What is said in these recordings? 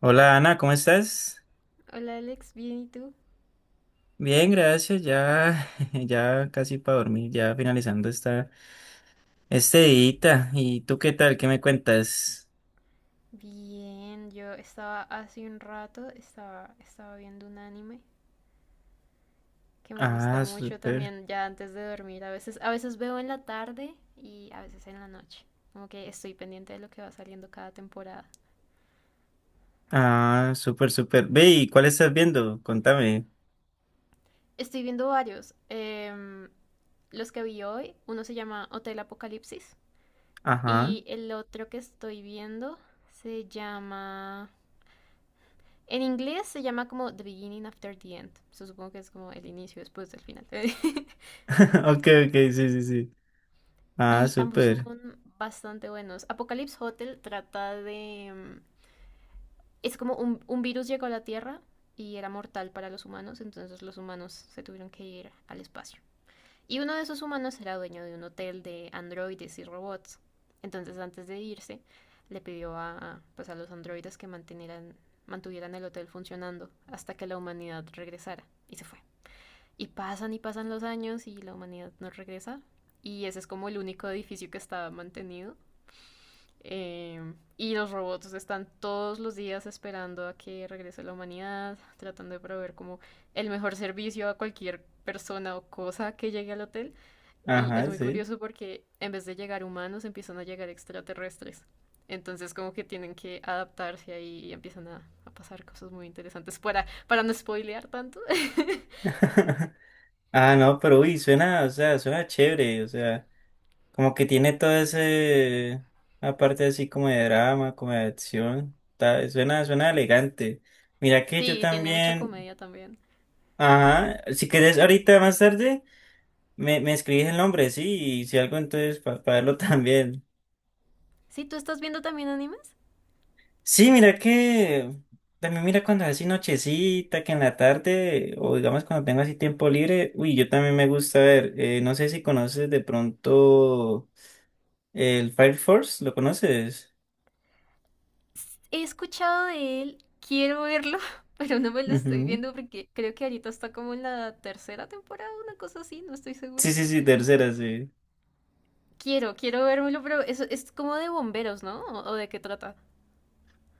Hola Ana, ¿cómo estás? Hola Alex, ¿bien y tú? Bien, gracias. Ya, ya casi para dormir, ya finalizando esta este día. ¿Y tú qué tal? ¿Qué me cuentas? Bien, yo estaba hace un rato, estaba viendo un anime que me gusta Ah, mucho súper. también ya antes de dormir. A veces veo en la tarde y a veces en la noche. Como que estoy pendiente de lo que va saliendo cada temporada. Ah, súper, súper. Ve, ¿y cuál estás viendo? Contame. Estoy viendo varios. Los que vi hoy, uno se llama Hotel Apocalipsis Ajá. y el otro que estoy viendo se llama en inglés se llama como The Beginning After the End. So, supongo que es como el inicio después del final. Ok, ok, sí, sí, sí. Ah, Y ambos súper. son bastante buenos. Apocalypse Hotel trata de. Es como un virus llegó a la Tierra y era mortal para los humanos, entonces los humanos se tuvieron que ir al espacio. Y uno de esos humanos era dueño de un hotel de androides y robots. Entonces, antes de irse, le pidió pues, a los androides que mantuvieran el hotel funcionando hasta que la humanidad regresara. Y se fue. Y pasan los años y la humanidad no regresa. Y ese es como el único edificio que está mantenido. Eh, y los robots están todos los días esperando a que regrese la humanidad, tratando de proveer como el mejor servicio a cualquier persona o cosa que llegue al hotel. Y Ajá, es muy sí. curioso porque en vez de llegar humanos empiezan a llegar extraterrestres. Entonces como que tienen que adaptarse ahí y empiezan a pasar cosas muy interesantes para no spoilear tanto. Ah, no, pero uy, suena, o sea, suena chévere, o sea. Como que tiene todo ese, aparte así como de drama, como de acción, suena elegante. Mira que yo Sí, tiene mucha también, comedia también. ajá, si querés ahorita más tarde, me escribís el nombre, sí, y si algo entonces para verlo también. Sí, ¿tú estás viendo también animes? Sí, mira que, también mira cuando es así nochecita, que en la tarde, o digamos cuando tengo así tiempo libre, uy, yo también me gusta ver, no sé si conoces de pronto el Fire Force, ¿lo conoces? He escuchado de él, quiero verlo, pero no me lo estoy Ujú. viendo porque creo que ahorita está como en la tercera temporada, una cosa así, no estoy Sí, segura. sí, sí, tercera, sí. Quiero vérmelo, pero eso es como de bomberos, ¿no? O de qué trata?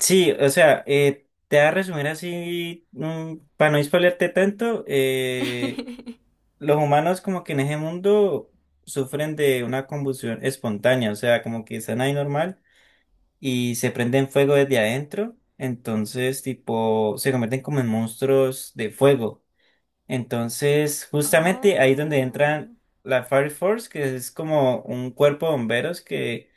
Sí, o sea, te voy a resumir así, para no spoilearte tanto, los humanos como que en ese mundo sufren de una combustión espontánea, o sea, como que están ahí normal y se prenden fuego desde adentro, entonces tipo se convierten como en monstruos de fuego. Entonces, justamente ahí es donde entran Oh, la Fire Force, que es como un cuerpo de bomberos que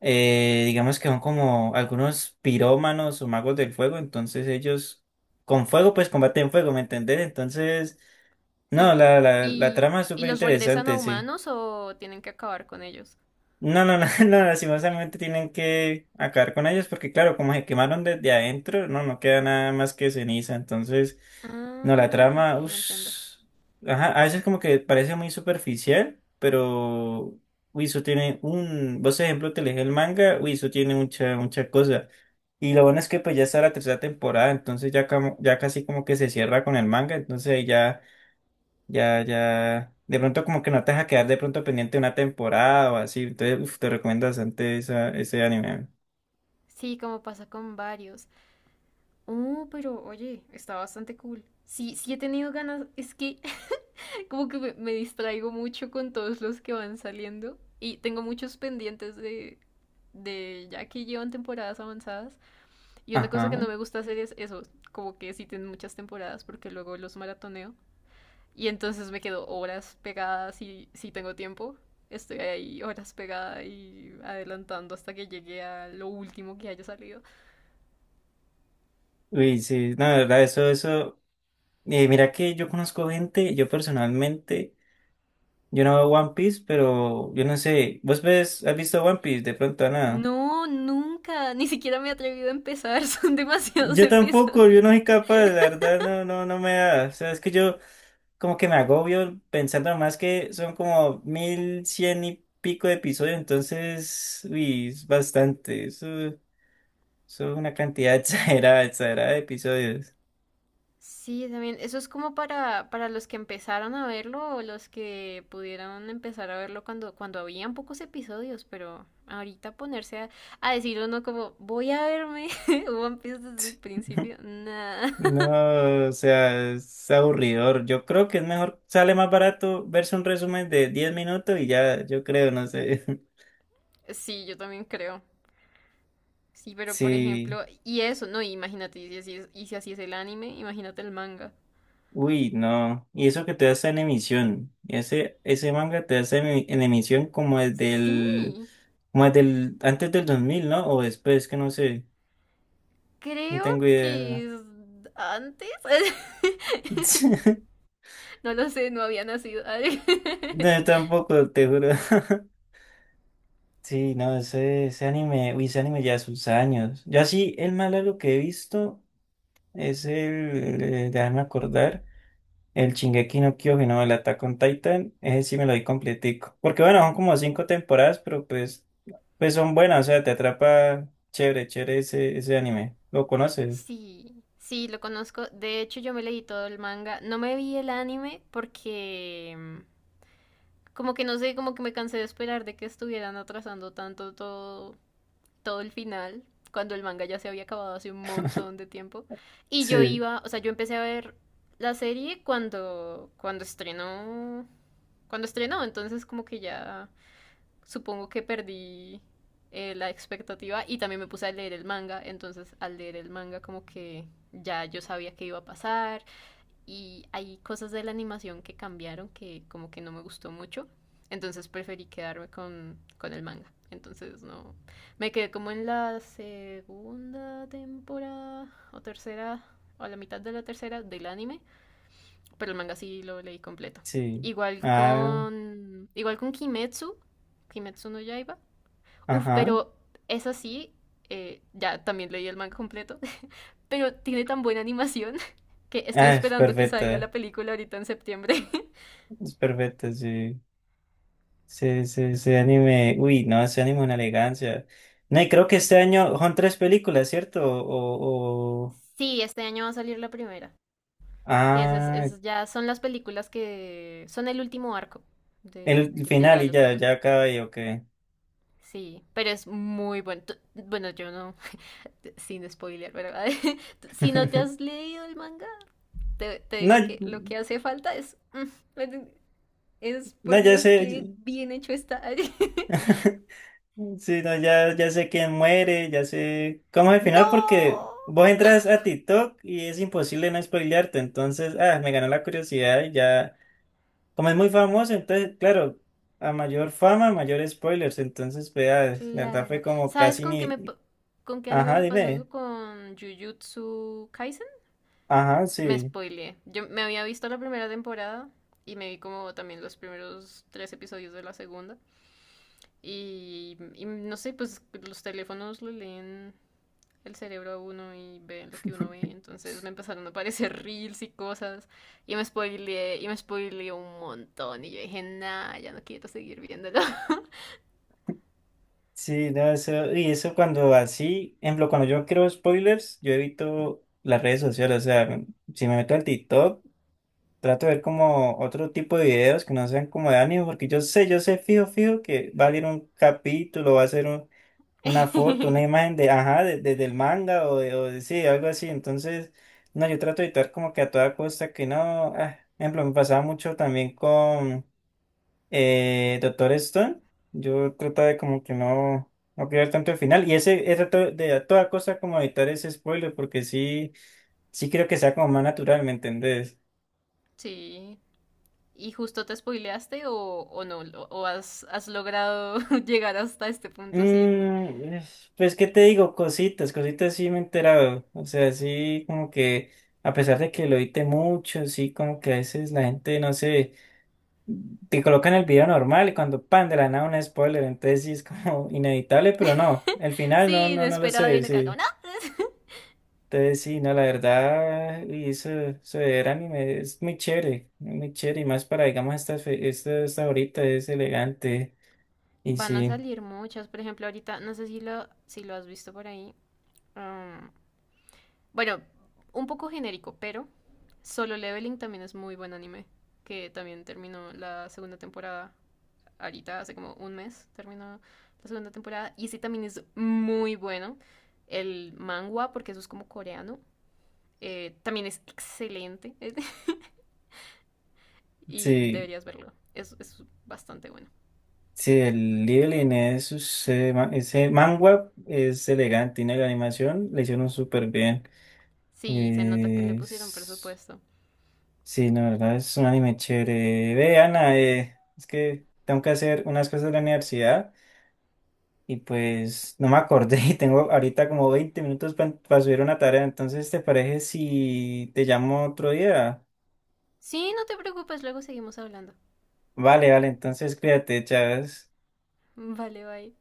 digamos que son como algunos pirómanos o magos del fuego, entonces ellos con fuego pues combaten fuego, ¿me entendés? Entonces, no, sí. la trama es Y súper los regresan a interesante, sí. humanos o tienen que acabar con ellos? No, no, no, no, lastimosamente tienen que acabar con ellos porque claro, como se quemaron desde adentro, no, no queda nada más que ceniza, entonces, no, la Ah, ok, trama, uff, entiendo. ajá, a veces como que parece muy superficial, pero, uy, eso tiene vos ejemplo, te lees el manga, uy, eso tiene mucha, mucha cosa, y lo bueno es que pues ya está la tercera temporada, entonces ya, ya casi como que se cierra con el manga, entonces ahí ya ya, ya. De pronto como que no te deja quedar de pronto pendiente una temporada o así. Entonces, uf, te recomiendo bastante esa, ese anime. Sí, como pasa con varios. Pero oye, está bastante cool. Sí, sí he tenido ganas. Es que como que me distraigo mucho con todos los que van saliendo. Y tengo muchos pendientes de ya que llevan temporadas avanzadas. Y una cosa que no Ajá. me gusta hacer es eso, como que si tienen muchas temporadas porque luego los maratoneo. Y entonces me quedo horas pegadas y si tengo tiempo, estoy ahí horas pegada y adelantando hasta que llegue a lo último que haya salido. Uy, sí. No, de verdad, eso, eso. Mira que yo conozco gente, yo personalmente, yo no veo One Piece, pero yo no sé. ¿Vos ves, has visto One Piece? De pronto, nada. No, nunca, ni siquiera me he atrevido a empezar, son demasiados Yo episodios. tampoco, yo no soy capaz, la verdad, no, no, no me da. O sea, es que yo. Como que me agobio pensando más que son como 1100 y pico de episodios, entonces, uy, es bastante. Eso es una cantidad exagerada, exagerada de episodios. Sí, también. Eso es como para los que empezaron a verlo o los que pudieron empezar a verlo cuando, cuando habían pocos episodios, pero ahorita ponerse a decir uno como, voy a verme One Piece desde el principio, nada. No, o sea, es aburridor. Yo creo que es mejor, sale más barato verse un resumen de 10 minutos y ya, yo creo, no sé. Sí, yo también creo. Sí, pero por Sí. ejemplo, y eso, no, imagínate, y si así es, y si así es el anime, imagínate el manga. Uy, no. Y eso que te está en emisión. Ese manga te está en emisión Sí, como desde el, antes del 2000, ¿no? O después, que no sé. No creo tengo idea. que es antes. No lo sé, no había nacido. No, yo tampoco, te juro. Sí, no, ese anime, uy, ese anime ya sus años. Yo sí, el más largo que he visto es el, déjame acordar. El Shingeki no Kyojin, no, el Attack on Titan, ese sí me lo di completico. Porque bueno, son como cinco temporadas, pero pues, pues son buenas, o sea, te atrapa chévere, chévere ese anime. ¿Lo conoces? Sí, sí, lo conozco. De hecho, yo me leí todo el manga. No me vi el anime porque como que no sé, como que me cansé de esperar de que estuvieran atrasando tanto todo el final, cuando el manga ya se había acabado hace un montón de tiempo. Y yo Sí, iba, o sea, yo empecé a ver la serie cuando estrenó, entonces como que ya supongo que perdí la expectativa y también me puse a leer el manga, entonces al leer el manga como que ya yo sabía qué iba a pasar y hay cosas de la animación que cambiaron que como que no me gustó mucho, entonces preferí quedarme con el manga. Entonces no. Me quedé como en la segunda temporada o tercera o a la mitad de la tercera del anime, pero el manga sí lo leí completo. sí. Igual Ah, con igual con Kimetsu no Yaiba. Uf, ajá. pero es así. Ya también leí el manga completo. Pero tiene tan buena animación que estoy Ah, esperando que salga la película ahorita en septiembre. es perfecta, sí. Sí, sí, ese anime, uy, no, ese anime es una elegancia. No, y creo que este año son tres películas, ¿cierto? O... Sí, este año va a salir la primera. Que es, Ah, ya son las películas que son el último arco de, el de, de final ya y lo que ya, sus. ya acaba y ok. Sí, pero es muy bueno. Bueno, yo no, sin spoiler, ¿verdad? Si no te has leído el manga, te No. digo que lo que hace falta es es No, por ya Dios que sé, bien hecho está. sí, no, ya, ya sé quién muere, ya sé cómo es el final porque ¡No! vos entras a TikTok y es imposible no spoilearte, entonces, ah, me ganó la curiosidad y ya, como es muy famoso, entonces, claro, a mayor fama, mayor spoilers, entonces, vea, la verdad fue Claro. como ¿Sabes casi ni, con qué anime ajá, me pasó dime, eso con Jujutsu Kaisen? ajá, Me sí. spoileé. Yo me había visto la primera temporada y me vi como también los primeros tres episodios de la segunda. Y no sé, pues los teléfonos lo leen el cerebro a uno y ven lo que uno ve. Entonces me empezaron a aparecer reels y cosas. Y me spoileé un montón. Y yo dije, nah, ya no quiero seguir viéndolo. Sí, no, eso, y eso cuando así, ejemplo, cuando yo creo spoilers, yo evito las redes sociales, o sea, si me meto al TikTok, trato de ver como otro tipo de videos que no sean como de anime, porque yo sé fijo, fijo que va a salir un capítulo, va a ser un- una foto, una imagen de, ajá, del manga o de sí, algo así. Entonces, no, yo trato de evitar como que a toda costa que no. Ah, por ejemplo, me pasaba mucho también con Doctor Stone. Yo trataba de como que no, no querer tanto el final. Y ese, he tratado de a toda costa como evitar ese spoiler, porque sí, sí creo que sea como más natural, ¿me entendés? Sí. ¿Y justo te spoileaste o no? ¿O has logrado llegar hasta este punto sin, Pues, ¿qué te digo? Cositas, cositas sí me he enterado. O sea, sí, como que, a pesar de que lo edite mucho, sí, como que a veces la gente, no sé, te colocan el video normal y cuando pan de la nada un spoiler, entonces sí es como inevitable, pero no, el final no, sin no, no lo esperar sé, y no cago, sí. no? Entonces sí, no, la verdad, y eso de ver anime es muy chévere, y más para, digamos, esta, esta ahorita es elegante, y Van a sí, salir muchas. Por ejemplo, ahorita, no sé si lo has visto por ahí. mm, Bueno, un poco genérico, pero Solo Leveling también es muy buen anime, que también terminó la segunda temporada ahorita, hace como un mes terminó la segunda temporada, y ese también es muy bueno. El manga, porque eso es como coreano, también es excelente y sí. deberías verlo, es bastante bueno. Sí, el Little Inés, ese, ese manga es elegante y la animación le hicieron súper bien. Sí, se nota que le pusieron Es- presupuesto. Sí, la verdad es un anime chévere. Ve, Ana, es que tengo que hacer unas cosas de la universidad y pues no me acordé y tengo ahorita como 20 minutos para subir una tarea. Entonces, ¿te parece si te llamo otro día? Sí, no te preocupes, luego seguimos hablando. Vale, vale, entonces cuídate, Chávez. Vale, bye.